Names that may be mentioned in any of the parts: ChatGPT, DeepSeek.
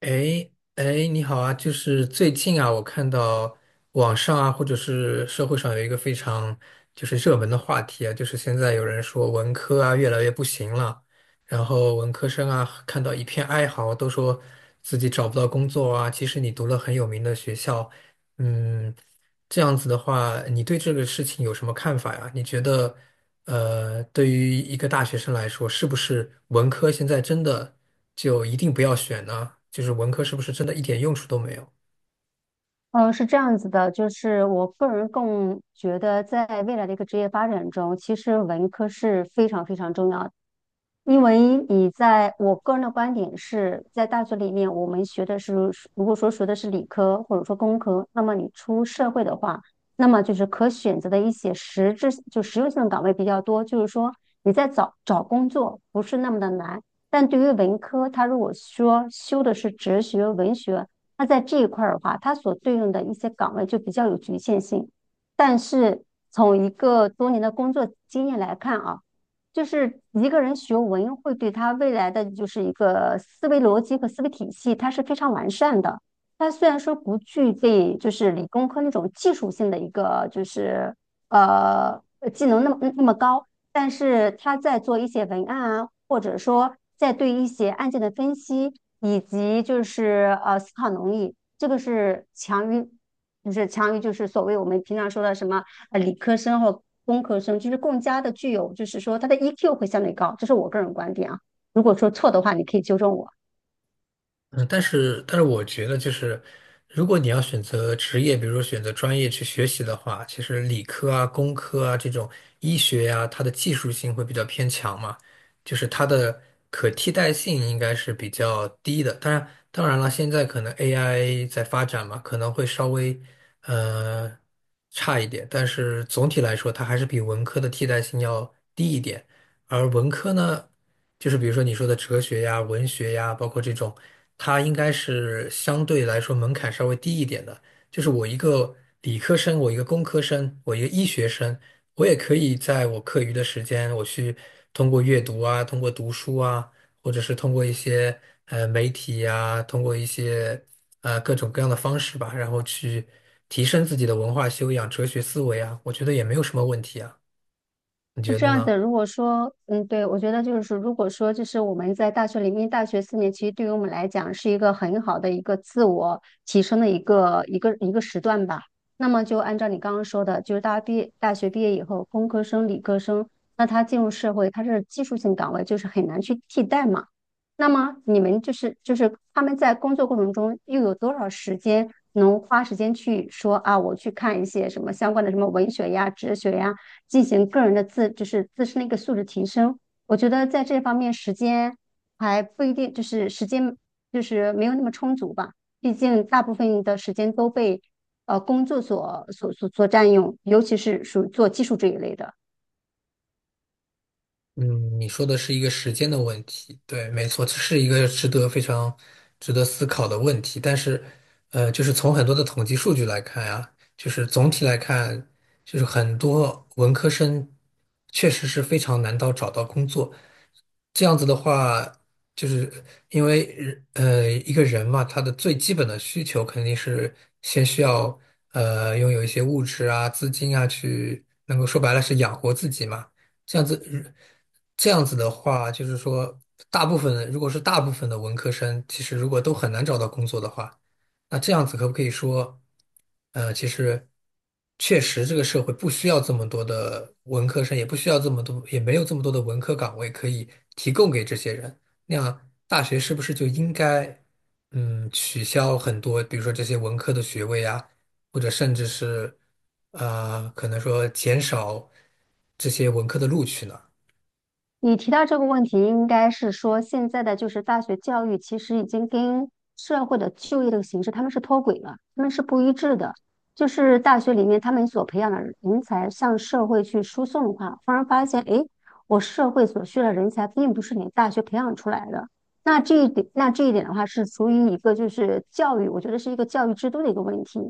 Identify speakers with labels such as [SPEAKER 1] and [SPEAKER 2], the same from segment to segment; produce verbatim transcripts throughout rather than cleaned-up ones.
[SPEAKER 1] 哎哎，你好啊！就是最近啊，我看到网上啊，或者是社会上有一个非常就是热门的话题啊，就是现在有人说文科啊越来越不行了，然后文科生啊看到一片哀嚎，都说自己找不到工作啊。其实你读了很有名的学校，嗯，这样子的话，你对这个事情有什么看法呀？你觉得，呃，对于一个大学生来说，是不是文科现在真的就一定不要选呢？就是文科是不是真的一点用处都没有？
[SPEAKER 2] 呃，是这样子的，就是我个人更觉得，在未来的一个职业发展中，其实文科是非常非常重要。因为你在我个人的观点是在大学里面，我们学的是，如果说学的是理科或者说工科，那么你出社会的话，那么就是可选择的一些实质就实用性的岗位比较多，就是说你在找找工作不是那么的难。但对于文科，它如果说修的是哲学、文学，那在这一块儿的话，它所对应的一些岗位就比较有局限性。但是从一个多年的工作经验来看啊。就是一个人学文会对他未来的就是一个思维逻辑和思维体系，它是非常完善的。他虽然说不具备就是理工科那种技术性的一个就是呃呃技能那么那么高，但是他在做一些文案啊，或者说在对一些案件的分析，以及就是呃思考能力，这个是强于，就是强于就是所谓我们平常说的什么。呃理科生或工科生，就是更加的具有，就是说他的 E Q 会相对高，这是我个人观点啊。如果说错的话，你可以纠正我。
[SPEAKER 1] 嗯，但是但是我觉得就是，如果你要选择职业，比如说选择专业去学习的话，其实理科啊、工科啊这种医学呀、它的技术性会比较偏强嘛，就是它的可替代性应该是比较低的。当然，当然了，现在可能 A I 在发展嘛，可能会稍微呃差一点，但是总体来说，它还是比文科的替代性要低一点。而文科呢？就是比如说你说的哲学呀、文学呀，包括这种，它应该是相对来说门槛稍微低一点的。就是我一个理科生，我一个工科生，我一个医学生，我也可以在我课余的时间，我去通过阅读啊，通过读书啊，或者是通过一些呃媒体呀、通过一些呃各种各样的方式吧，然后去提升自己的文化修养、哲学思维啊，我觉得也没有什么问题啊，你
[SPEAKER 2] 是
[SPEAKER 1] 觉
[SPEAKER 2] 这
[SPEAKER 1] 得
[SPEAKER 2] 样
[SPEAKER 1] 呢？
[SPEAKER 2] 的，如果说，嗯，对，我觉得就是说，如果说就是我们在大学里面，大学四年其实对于我们来讲是一个很好的一个自我提升的一个一个一个时段吧。那么就按照你刚刚说的，就是大家毕业大学毕业以后，工科生、理科生，那他进入社会，他是技术性岗位，就是很难去替代嘛。那么你们就是就是他们在工作过程中又有多少时间能花时间去说啊，我去看一些什么相关的什么文学呀、哲学呀？进行个人的自，就是自身的一个素质提升。我觉得在这方面时间还不一定，就是时间就是没有那么充足吧。毕竟大部分的时间都被呃工作所所所所占用，尤其是属于做技术这一类的。
[SPEAKER 1] 嗯，你说的是一个时间的问题，对，没错，这是一个值得非常值得思考的问题。但是，呃，就是从很多的统计数据来看啊，就是总体来看，就是很多文科生确实是非常难到找到工作。这样子的话，就是因为人呃一个人嘛，他的最基本的需求肯定是先需要呃拥有一些物质啊、资金啊，去能够说白了是养活自己嘛。这样子，这样子的话，就是说，大部分如果是大部分的文科生，其实如果都很难找到工作的话，那这样子可不可以说，呃，其实确实这个社会不需要这么多的文科生，也不需要这么多，也没有这么多的文科岗位可以提供给这些人。那样，大学是不是就应该，嗯，取消很多，比如说这些文科的学位啊？或者甚至是呃，可能说减少这些文科的录取呢？
[SPEAKER 2] 你提到这个问题，应该是说现在的就是大学教育其实已经跟社会的就业这个形势他们是脱轨了，他们是不一致的。就是大学里面他们所培养的人才向社会去输送的话，忽然发现，诶，我社会所需的人才并不是你大学培养出来的。那这一点，那这一点的话是属于一个就是教育，我觉得是一个教育制度的一个问题。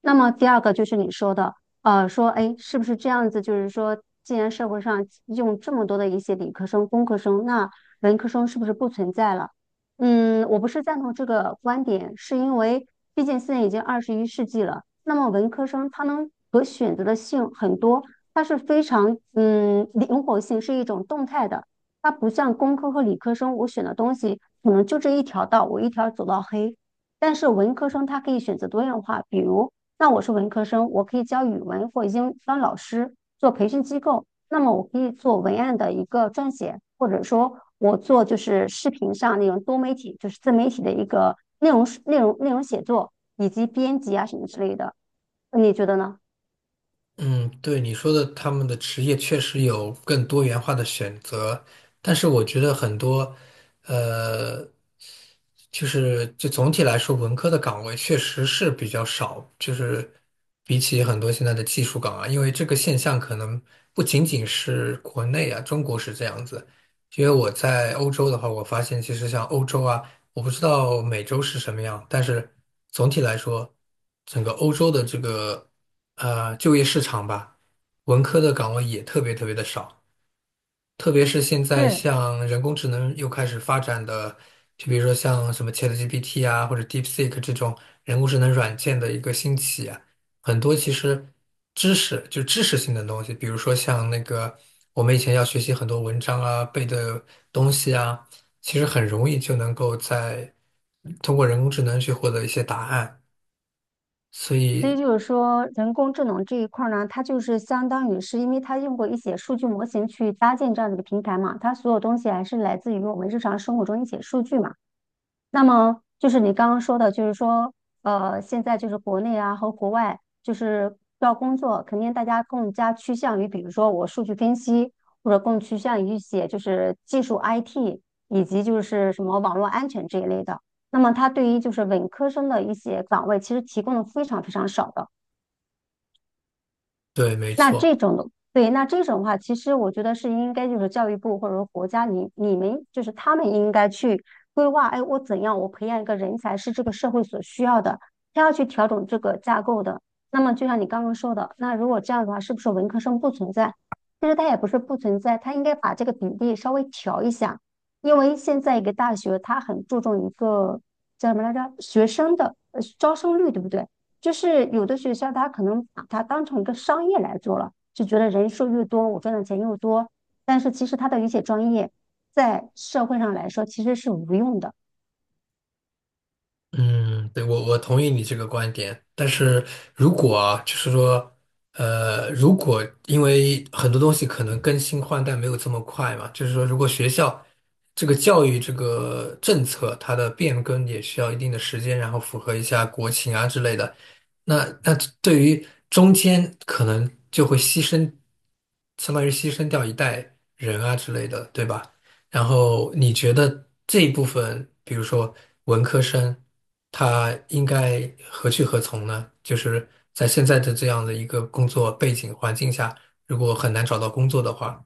[SPEAKER 2] 那么第二个就是你说的。呃，说，哎，是不是这样子？就是说，既然社会上用这么多的一些理科生、工科生，那文科生是不是不存在了？嗯，我不是赞同这个观点，是因为毕竟现在已经二十一世纪了，那么文科生他能可选择的性很多，它是非常嗯灵活性是一种动态的，它不像工科和理科生，我选的东西可能就这一条道，我一条走到黑。但是文科生他可以选择多样化，比如那我是文科生，我可以教语文，或英经当老师，做培训机构，那么我可以做文案的一个撰写，或者说我做就是视频上那种多媒体，就是自媒体的一个内容内容内容写作以及编辑啊什么之类的，你觉得呢？
[SPEAKER 1] 嗯，对你说的，他们的职业确实有更多元化的选择，但是我觉得很多，呃。就是就总体来说，文科的岗位确实是比较少，就是比起很多现在的技术岗啊，因为这个现象可能不仅仅是国内啊，中国是这样子。因为我在欧洲的话，我发现其实像欧洲啊，我不知道美洲是什么样，但是总体来说，整个欧洲的这个呃就业市场吧，文科的岗位也特别特别的少。特别是现在
[SPEAKER 2] 是，
[SPEAKER 1] 像人工智能又开始发展的，就比如说像什么 ChatGPT 啊，或者 DeepSeek 这种人工智能软件的一个兴起啊，很多其实知识就知识性的东西，比如说像那个我们以前要学习很多文章啊、背的东西啊，其实很容易就能够在通过人工智能去获得一些答案。所
[SPEAKER 2] 所以
[SPEAKER 1] 以，
[SPEAKER 2] 就是说，人工智能这一块儿呢，它就是相当于是因为它用过一些数据模型去搭建这样的一个平台嘛，它所有东西还是来自于我们日常生活中一些数据嘛。那么就是你刚刚说的，就是说，呃，现在就是国内啊和国外，就是要工作，肯定大家更加趋向于，比如说我数据分析，或者更趋向于一些就是技术 I T，以及就是什么网络安全这一类的。那么它对于就是文科生的一些岗位，其实提供的非常非常少的。
[SPEAKER 1] 对，没
[SPEAKER 2] 那
[SPEAKER 1] 错。
[SPEAKER 2] 这种的，对，那这种的话，其实我觉得是应该就是教育部或者说国家，你你们就是他们应该去规划，哎，我怎样我培养一个人才是这个社会所需要的，他要去调整这个架构的。那么就像你刚刚说的，那如果这样的话，是不是文科生不存在？其实他也不是不存在，他应该把这个比例稍微调一下，因为现在一个大学它很注重一个叫什么来着，学生的呃招生率，对不对？就是有的学校他可能把它当成一个商业来做了，就觉得人数越多，我赚的钱又多。但是其实他的一些专业在社会上来说其实是无用的，
[SPEAKER 1] 嗯，对，我我同意你这个观点，但是如果啊，就是说，呃，如果因为很多东西可能更新换代没有这么快嘛，就是说，如果学校这个教育这个政策它的变更也需要一定的时间，然后符合一下国情啊之类的，那那对于中间可能就会牺牲，相当于牺牲掉一代人啊之类的，对吧？然后你觉得这一部分，比如说文科生，他应该何去何从呢？就是在现在的这样的一个工作背景环境下，如果很难找到工作的话，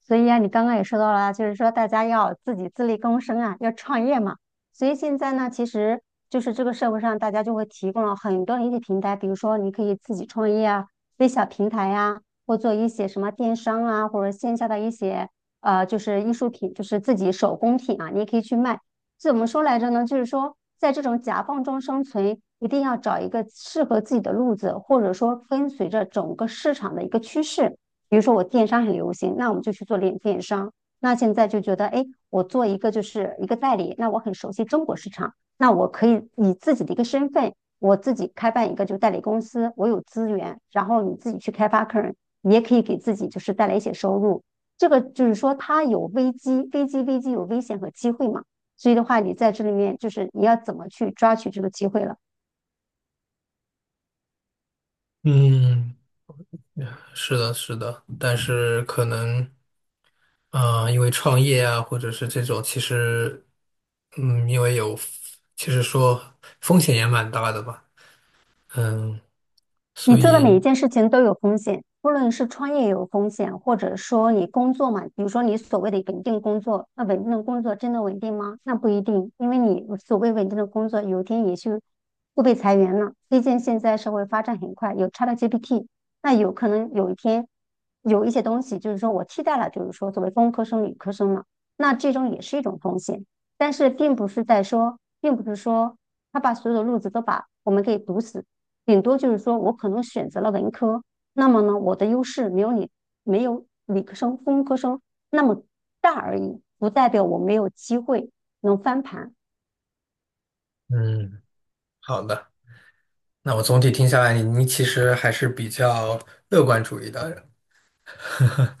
[SPEAKER 2] 所以啊，你刚刚也说到了啊，就是说大家要自己自力更生啊，要创业嘛。所以现在呢，其实就是这个社会上大家就会提供了很多的一些平台，比如说你可以自己创业啊，微小平台呀、或做一些什么电商啊，或者线下的一些呃，就是艺术品，就是自己手工品啊，你也可以去卖。怎么说来着呢？就是说在这种夹缝中生存，一定要找一个适合自己的路子，或者说跟随着整个市场的一个趋势。比如说我电商很流行，那我们就去做电电商。那现在就觉得，哎，我做一个就是一个代理，那我很熟悉中国市场，那我可以以自己的一个身份，我自己开办一个就代理公司，我有资源，然后你自己去开发客人，你也可以给自己就是带来一些收入。这个就是说，它有危机，危机，危机有危险和机会嘛。所以的话，你在这里面就是你要怎么去抓取这个机会了。
[SPEAKER 1] 嗯，是的，是的，但是可能，啊、因为创业啊，或者是这种，其实，嗯，因为有，其实说风险也蛮大的吧，嗯，
[SPEAKER 2] 你
[SPEAKER 1] 所
[SPEAKER 2] 做的每
[SPEAKER 1] 以，
[SPEAKER 2] 一件事情都有风险，不论是创业有风险，或者说你工作嘛，比如说你所谓的稳定工作，那稳定的工作真的稳定吗？那不一定，因为你所谓稳定的工作，有一天也是会被裁员了。毕竟现在社会发展很快，有 ChatGPT，那有可能有一天有一些东西就是说我替代了，就是说作为工科生、理科生了，那这种也是一种风险，但是并不是在说，并不是说他把所有的路子都把我们给堵死。顶多就是说我可能选择了文科，那么呢，我的优势没有你没有理科生、工科生那么大而已，不代表我没有机会能翻盘
[SPEAKER 1] 嗯，好的。那我总体听下来，你你其实还是比较乐观主义的人，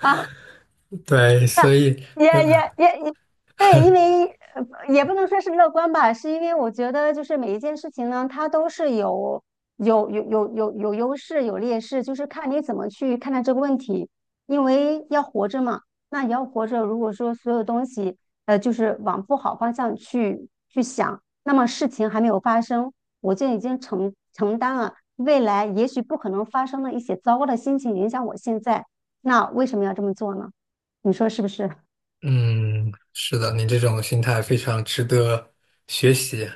[SPEAKER 2] 啊。
[SPEAKER 1] 对，所以
[SPEAKER 2] 也
[SPEAKER 1] 那个
[SPEAKER 2] 也也也，对，因为呃也不能说是乐观吧，是因为我觉得就是每一件事情呢，它都是有有有有有有优势有劣势，就是看你怎么去看待这个问题。因为要活着嘛，那你要活着，如果说所有东西呃就是往不好方向去去想，那么事情还没有发生，我就已经承承担了未来也许不可能发生的一些糟糕的心情影响我现在，那为什么要这么做呢？你说是不是？
[SPEAKER 1] 嗯，是的，你这种心态非常值得学习。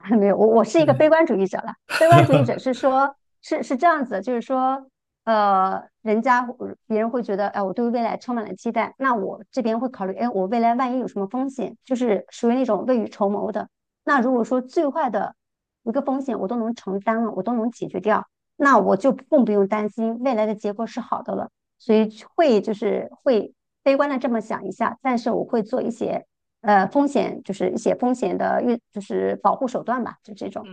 [SPEAKER 2] 没有，我我是一个
[SPEAKER 1] 对，
[SPEAKER 2] 悲观主义者了。悲观主义者 是说，是是这样子的就是说，呃，人家别人会觉得，哎、我对未来充满了期待，那我这边会考虑，哎，我未来万一有什么风险，就是属于那种未雨绸缪的。那如果说最坏的一个风险我都能承担了，我都能解决掉，那我就更不用担心未来的结果是好的了。所以会就是会悲观的这么想一下，但是我会做一些呃风险，就是一些风险的预，就是保护手段吧，就这种。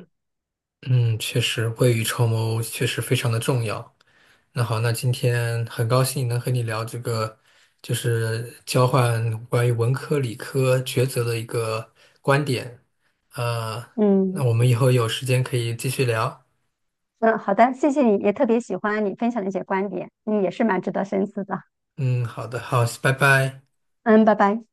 [SPEAKER 1] 嗯，确实，未雨绸缪确实非常的重要。那好，那今天很高兴能和你聊这个，就是交换关于文科理科抉择的一个观点。呃，那
[SPEAKER 2] 嗯
[SPEAKER 1] 我们以后有时间可以继续聊。
[SPEAKER 2] 嗯，好的，谢谢你，也特别喜欢你分享的一些观点，嗯，也是蛮值得深思的。
[SPEAKER 1] 嗯，好的，好，拜拜。
[SPEAKER 2] 嗯，拜拜。